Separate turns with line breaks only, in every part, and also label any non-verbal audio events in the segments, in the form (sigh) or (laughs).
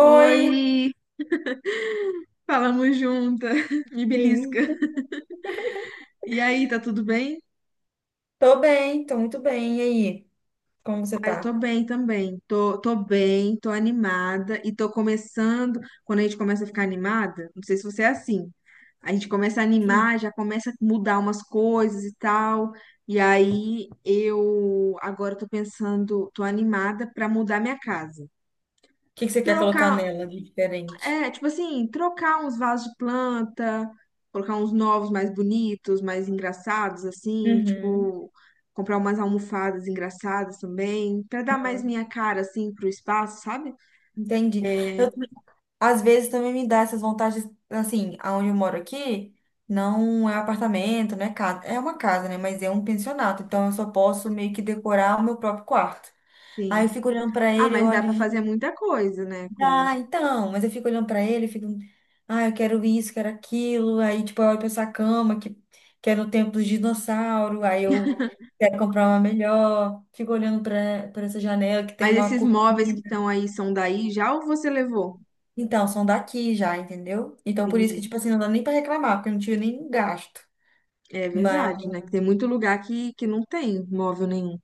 Oi.
falamos junta, (laughs) me belisca.
Sim.
E aí, tá tudo bem?
Tô bem, tô muito bem. E aí, como você
Ai, tô
tá?
bem também. Tô bem, tô animada e tô começando. Quando a gente começa a ficar animada, não sei se você é assim, a gente começa a
O
animar, já começa a mudar umas coisas e tal. E aí, eu agora tô pensando, tô animada pra mudar minha casa.
que que você quer colocar
Trocar
nela de diferente?
É, tipo assim, trocar uns vasos de planta, colocar uns novos mais bonitos, mais engraçados, assim,
Uhum.
tipo, comprar umas almofadas engraçadas também, pra dar mais minha cara, assim, pro espaço, sabe?
Entendi. Eu,
É,
Às vezes também me dá essas vontades, assim. Aonde eu moro aqui não é apartamento, não é casa. É uma casa, né? Mas é um pensionato, então eu só posso meio que decorar o meu próprio quarto. Aí eu
sim.
fico olhando pra
Ah,
ele, eu
mas dá
olho.
pra fazer muita coisa, né? Com...
Mas eu fico olhando pra ele, fico, ah, eu quero isso, quero aquilo. Aí, tipo, eu olho pra essa que é no tempo dos dinossauros. Aí eu quero comprar uma melhor. Fico olhando pra essa janela que tem
Mas
uma
esses móveis que
cortina.
estão aí são daí já ou você levou?
Então, são daqui já, entendeu? Então, por isso que,
Entendi.
tipo assim, não dá nem pra reclamar, porque eu não tive nenhum gasto.
É verdade, né? Que tem muito lugar que não tem móvel nenhum.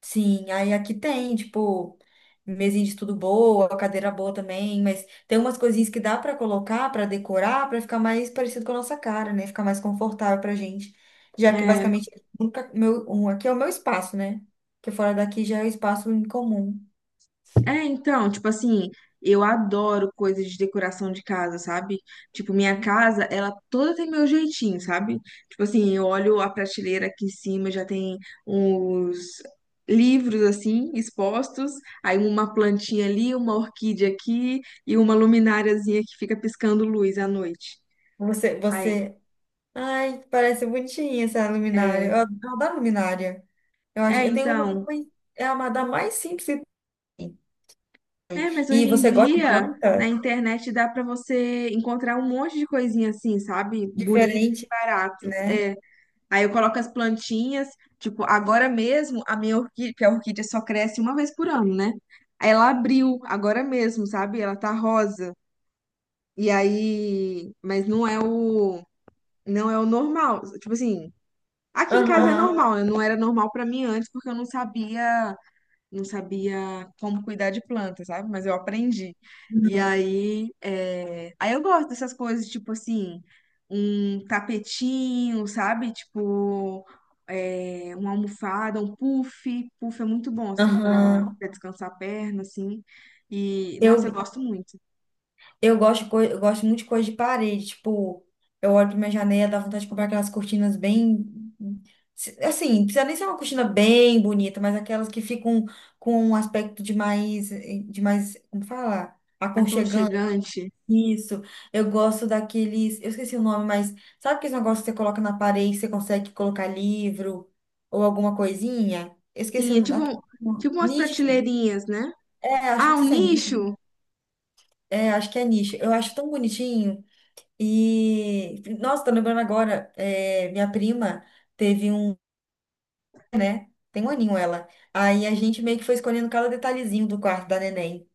Sim, aí aqui tem, tipo, mesinha de estudo boa, cadeira boa também, mas tem umas coisinhas que dá pra colocar, pra decorar, pra ficar mais parecido com a nossa cara, né? Ficar mais confortável pra gente. Já que
É.
basicamente nunca meu, um, Aqui é o meu espaço, né? Porque fora daqui já é o espaço em comum.
É, então, tipo assim, eu adoro coisas de decoração de casa, sabe? Tipo, minha casa, ela toda tem meu jeitinho, sabe? Tipo assim, eu olho a prateleira aqui em cima, já tem uns livros assim expostos, aí uma plantinha ali, uma orquídea aqui e uma lumináriazinha que fica piscando luz à noite.
Você,
Aí,
você. Ai, parece bonitinha essa luminária.
é,
Eu adoro luminária.
é,
Eu tenho uma que
então,
é uma da mais simples que tem.
é, mas
E
hoje em
você gosta de
dia na
planta?
internet dá pra você encontrar um monte de coisinha assim, sabe? Bonita e
Diferente,
baratas.
né?
É, aí eu coloco as plantinhas, tipo, agora mesmo a minha orquídea, porque a orquídea só cresce uma vez por ano, né? Aí ela abriu agora mesmo, sabe? Ela tá rosa. E aí, mas não é o normal. Tipo assim, aqui em casa é
Aham.
normal, né? Não era normal pra mim antes porque eu não sabia como cuidar de planta, sabe? Mas eu aprendi. E aí, é, aí eu gosto dessas coisas, tipo assim, um tapetinho, sabe? Tipo, é, uma almofada, um puff. Puff é muito bom, assim, para
Aham.
descansar a perna, assim. E, nossa, eu
Eu,
gosto muito.
eu gosto muito de coisa de parede. Tipo, eu olho pra minha janela, dá vontade de comprar aquelas cortinas bem. Assim, não precisa nem ser uma cortina bem bonita, mas aquelas que ficam com um aspecto de mais, como falar? Aconchegante.
Aconchegante.
Isso. Eu gosto daqueles. Eu esqueci o nome, mas sabe aqueles negócios que você coloca na parede, que você consegue colocar livro ou alguma coisinha? Eu esqueci
Sim,
o
é tipo,
nome.
tipo umas
Nicho.
prateleirinhas, né?
É, acho que
Ah,
não
um
sei se é nicho.
nicho?
É, acho que é nicho. Eu acho tão bonitinho. E, nossa, tô lembrando agora, é, minha prima teve um, tem um aninho ela. Aí a gente meio que foi escolhendo cada detalhezinho do quarto da neném.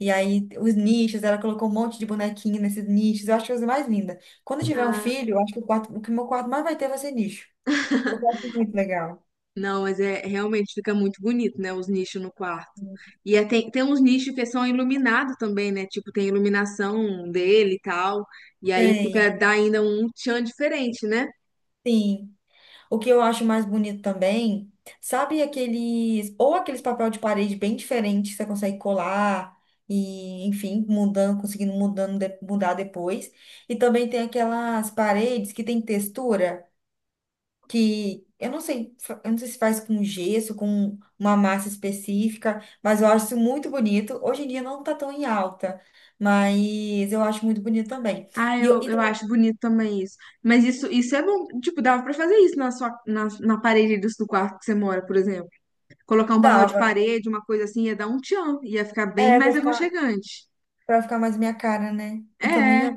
E aí os nichos, ela colocou um monte de bonequinho nesses nichos. Eu acho que é a coisa mais linda. Quando eu tiver um filho, eu acho que o quarto, o que meu quarto mais vai ter vai ser nicho. Porque eu acho muito legal.
Não, mas é realmente fica muito bonito, né? Os nichos no quarto. E é, tem uns nichos que são iluminados também, né? Tipo, tem iluminação dele e tal. E aí fica,
Tem,
dá ainda um tchan diferente, né?
sim. O que eu acho mais bonito também, sabe aqueles, ou aqueles papel de parede bem diferentes que você consegue colar e, enfim, mudando, conseguindo mudando, de- mudar depois. E também tem aquelas paredes que tem textura que eu não sei, eu não sei se faz com gesso, com uma massa específica, mas eu acho isso muito bonito. Hoje em dia não tá tão em alta, mas eu acho muito bonito também.
Ah,
E, eu-
eu,
e
eu acho bonito também isso. Mas isso é bom. Tipo, dava pra fazer isso na sua, na parede do, do quarto que você mora, por exemplo. Colocar um papel de
Dava,
parede, uma coisa assim, ia dar um tchan. Ia ficar bem
é,
mais aconchegante.
pra ficar mais minha cara, né? Eu também
É,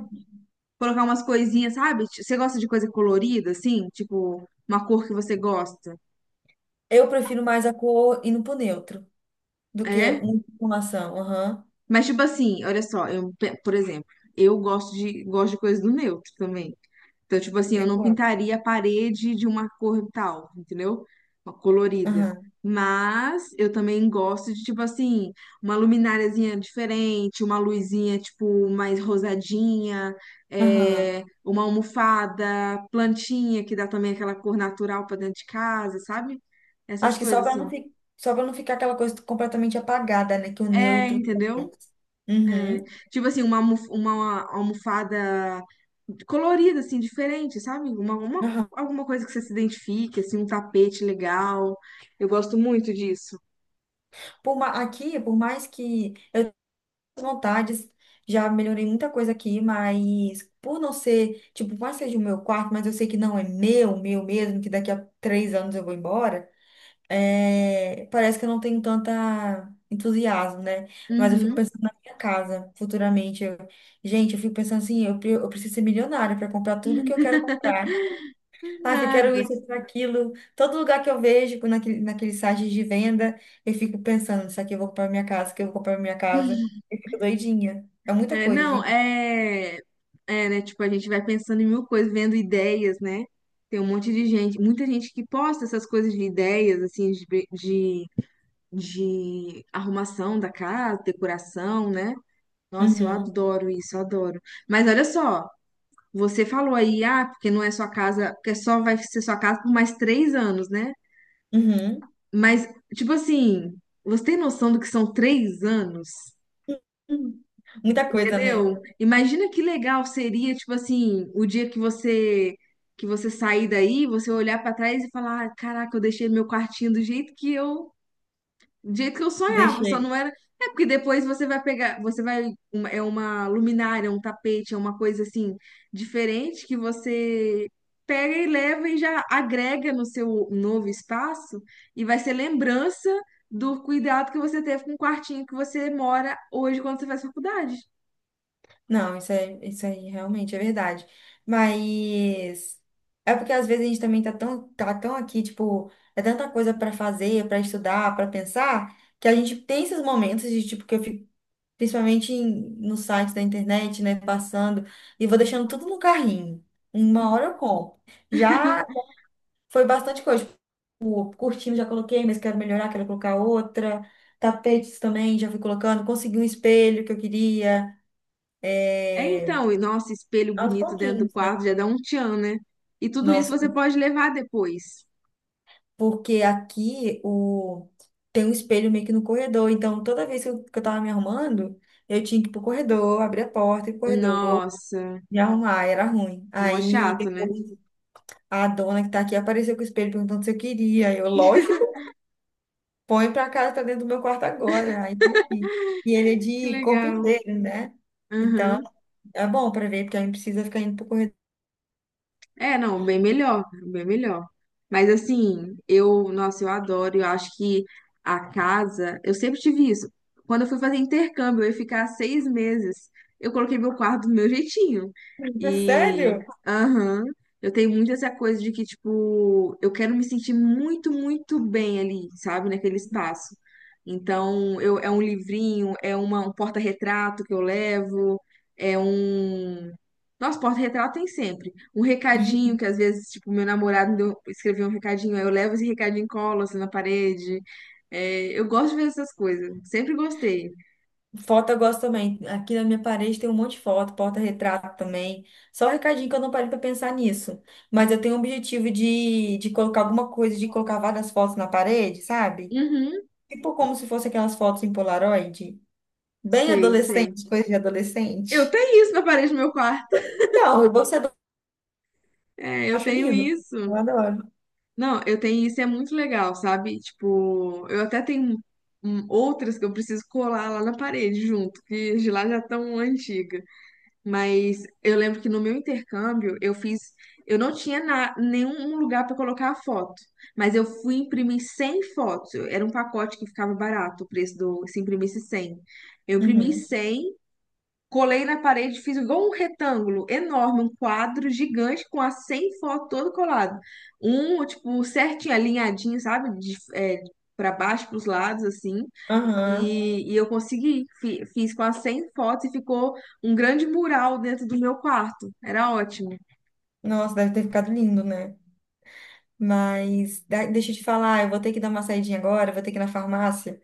colocar umas coisinhas, sabe? Você gosta de coisa colorida, assim? Tipo, uma cor que você gosta.
eu prefiro mais a cor indo pro neutro do que
É,
uma informação. Aham.
mas tipo assim, olha só, eu, por exemplo, eu gosto de coisas do neutro também. Então, tipo assim, eu
Eu
não
concordo.
pintaria a parede de uma cor tal, entendeu? Uma colorida.
Aham.
Mas eu também gosto de, tipo assim, uma lumináriazinha diferente, uma luzinha, tipo, mais rosadinha,
Aham.
é, uma almofada, plantinha que dá também aquela cor natural pra dentro de casa, sabe? Essas
Acho que só
coisas
para
assim.
só para não ficar aquela coisa completamente apagada, né? Que o
É,
neutro
entendeu?
traz.
É,
Uhum.
tipo assim, uma, uma almofada colorida, assim, diferente, sabe? Uma,
Aham.
alguma coisa que você se identifique, assim, um tapete legal. Eu gosto muito disso.
Aqui, por mais que eu tenha vontades, já melhorei muita coisa aqui, mas por não ser, tipo, por mais que seja o meu quarto, mas eu sei que não é meu, meu mesmo, que daqui a 3 anos eu vou embora. É, parece que eu não tenho tanta entusiasmo, né? Mas eu fico
Uhum.
pensando na minha casa futuramente. Gente, eu fico pensando assim, eu preciso ser milionária para comprar tudo que eu quero comprar. Ah, que eu quero
Nada.
isso, eu quero aquilo. Todo lugar que eu vejo naquele, naquele site de venda, eu fico pensando, isso aqui eu vou comprar pra minha casa, isso aqui eu vou comprar pra minha casa. Eu fico doidinha. É muita
É,
coisa,
não,
gente.
é, é, né? Tipo, a gente vai pensando em mil coisas, vendo ideias, né? Tem um monte de gente, muita gente que posta essas coisas de ideias, assim, de, de arrumação da casa, decoração, né? Nossa, eu
Uhum,
adoro isso, eu adoro. Mas olha só. Você falou aí, ah, porque não é sua casa, porque só vai ser sua casa por mais três anos, né?
uhum.
Mas, tipo assim, você tem noção do que são três anos?
Hum, muita coisa, né?
Entendeu? Imagina que legal seria, tipo assim, o dia que você sair daí, você olhar pra trás e falar, ah, caraca, eu deixei meu quartinho do jeito que eu sonhava, só
Deixei.
não era. É porque depois você vai pegar, você vai, é uma luminária, um tapete, é uma coisa assim diferente que você pega e leva e já agrega no seu novo espaço e vai ser lembrança do cuidado que você teve com o quartinho que você mora hoje quando você faz faculdade.
Não, isso é, isso aí realmente é verdade. Mas é porque às vezes a gente também tá tá tão aqui, tipo, é tanta coisa para fazer, para estudar, para pensar, que a gente tem esses momentos de tipo que eu fico principalmente no site da internet, né, passando e vou deixando tudo no carrinho. Uma hora eu compro. Já foi bastante coisa, tipo, curtindo já coloquei, mas quero melhorar, quero colocar outra. Tapetes também já fui colocando, consegui um espelho que eu queria,
É
é,
então, e nossa, espelho
aos
bonito dentro do
pouquinhos, né?
quarto já dá um tchan, né? E tudo isso
Nossa,
você pode levar depois.
porque aqui o... Tem um espelho meio que no corredor, então toda vez que que eu tava me arrumando, eu tinha que ir pro corredor, abrir a porta, e pro corredor,
Nossa,
me arrumar, era ruim.
mó
Aí
chato, né?
depois a dona que tá aqui apareceu com o espelho perguntando se eu queria. Eu, lógico, põe pra casa, tá dentro do meu quarto agora, aí tem que ir. E ele é
Que
de corpo
legal.
inteiro, né? Então
Aham.
é bom pra ver, porque aí não precisa ficar indo pro corredor.
É, não, bem melhor, bem melhor. Mas assim, eu, nossa, eu adoro, eu acho que a casa, eu sempre tive isso. Quando eu fui fazer intercâmbio, eu ia ficar 6 meses, eu coloquei meu quarto do meu jeitinho.
(laughs)
E,
Sério?
aham, eu tenho muito essa coisa de que, tipo, eu quero me sentir muito bem ali, sabe, naquele espaço. Então, eu, é um livrinho, é uma, um porta-retrato que eu levo, é um, nossa, porta-retrato tem sempre. Um recadinho que às vezes, tipo, meu namorado escreveu um recadinho, aí eu levo esse recadinho e colo assim na parede. É, eu gosto de ver essas coisas. Sempre gostei.
Foto eu gosto também. Aqui na minha parede tem um monte de foto, porta-retrato também. Só um recadinho que eu não parei para pensar nisso. Mas eu tenho o objetivo de colocar alguma coisa, de colocar várias fotos na parede, sabe?
Uhum,
Tipo como se fosse aquelas fotos em Polaroid. Bem
sei.
adolescente, coisa de
Eu
adolescente.
tenho isso na parede do meu quarto.
Então, eu vou ser adolescente,
É,
eu
eu
acho
tenho
lindo. Eu
isso.
adoro.
Não, eu tenho isso e é muito legal, sabe? Tipo, eu até tenho outras que eu preciso colar lá na parede junto, que as de lá já estão antigas. Mas eu lembro que no meu intercâmbio eu fiz, eu não tinha nenhum lugar para colocar a foto, mas eu fui imprimir 100 fotos. Era um pacote que ficava barato o preço do se imprimisse 100. Eu imprimi
Uhum.
100. Colei na parede, fiz igual um retângulo enorme, um quadro gigante com as 100 fotos todo colado. Um, tipo, certinho, alinhadinho, sabe? De, é, para baixo, para os lados, assim.
Aham.
E eu consegui. Fiz com as 100 fotos e ficou um grande mural dentro do meu quarto. Era ótimo.
Nossa, deve ter ficado lindo, né? Mas deixa eu te falar, eu vou ter que dar uma saidinha agora, eu vou ter que ir na farmácia.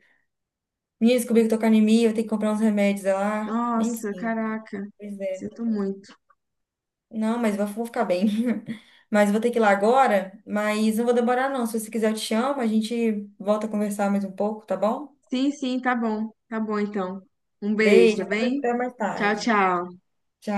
Menina, descobri que eu tô com anemia, vou ter que comprar uns remédios é lá.
Nossa,
Enfim,
caraca.
pois é.
Sinto muito.
Não, mas vou ficar bem. (laughs) Mas vou ter que ir lá agora, mas não vou demorar não. Se você quiser, eu te chamo, a gente volta a conversar mais um pouco, tá bom?
Sim, sim, tá bom. Tá bom, então. Um beijo,
Beijo,
tá
até
bem?
até mais
Tchau,
tarde.
tchau.
Tchau.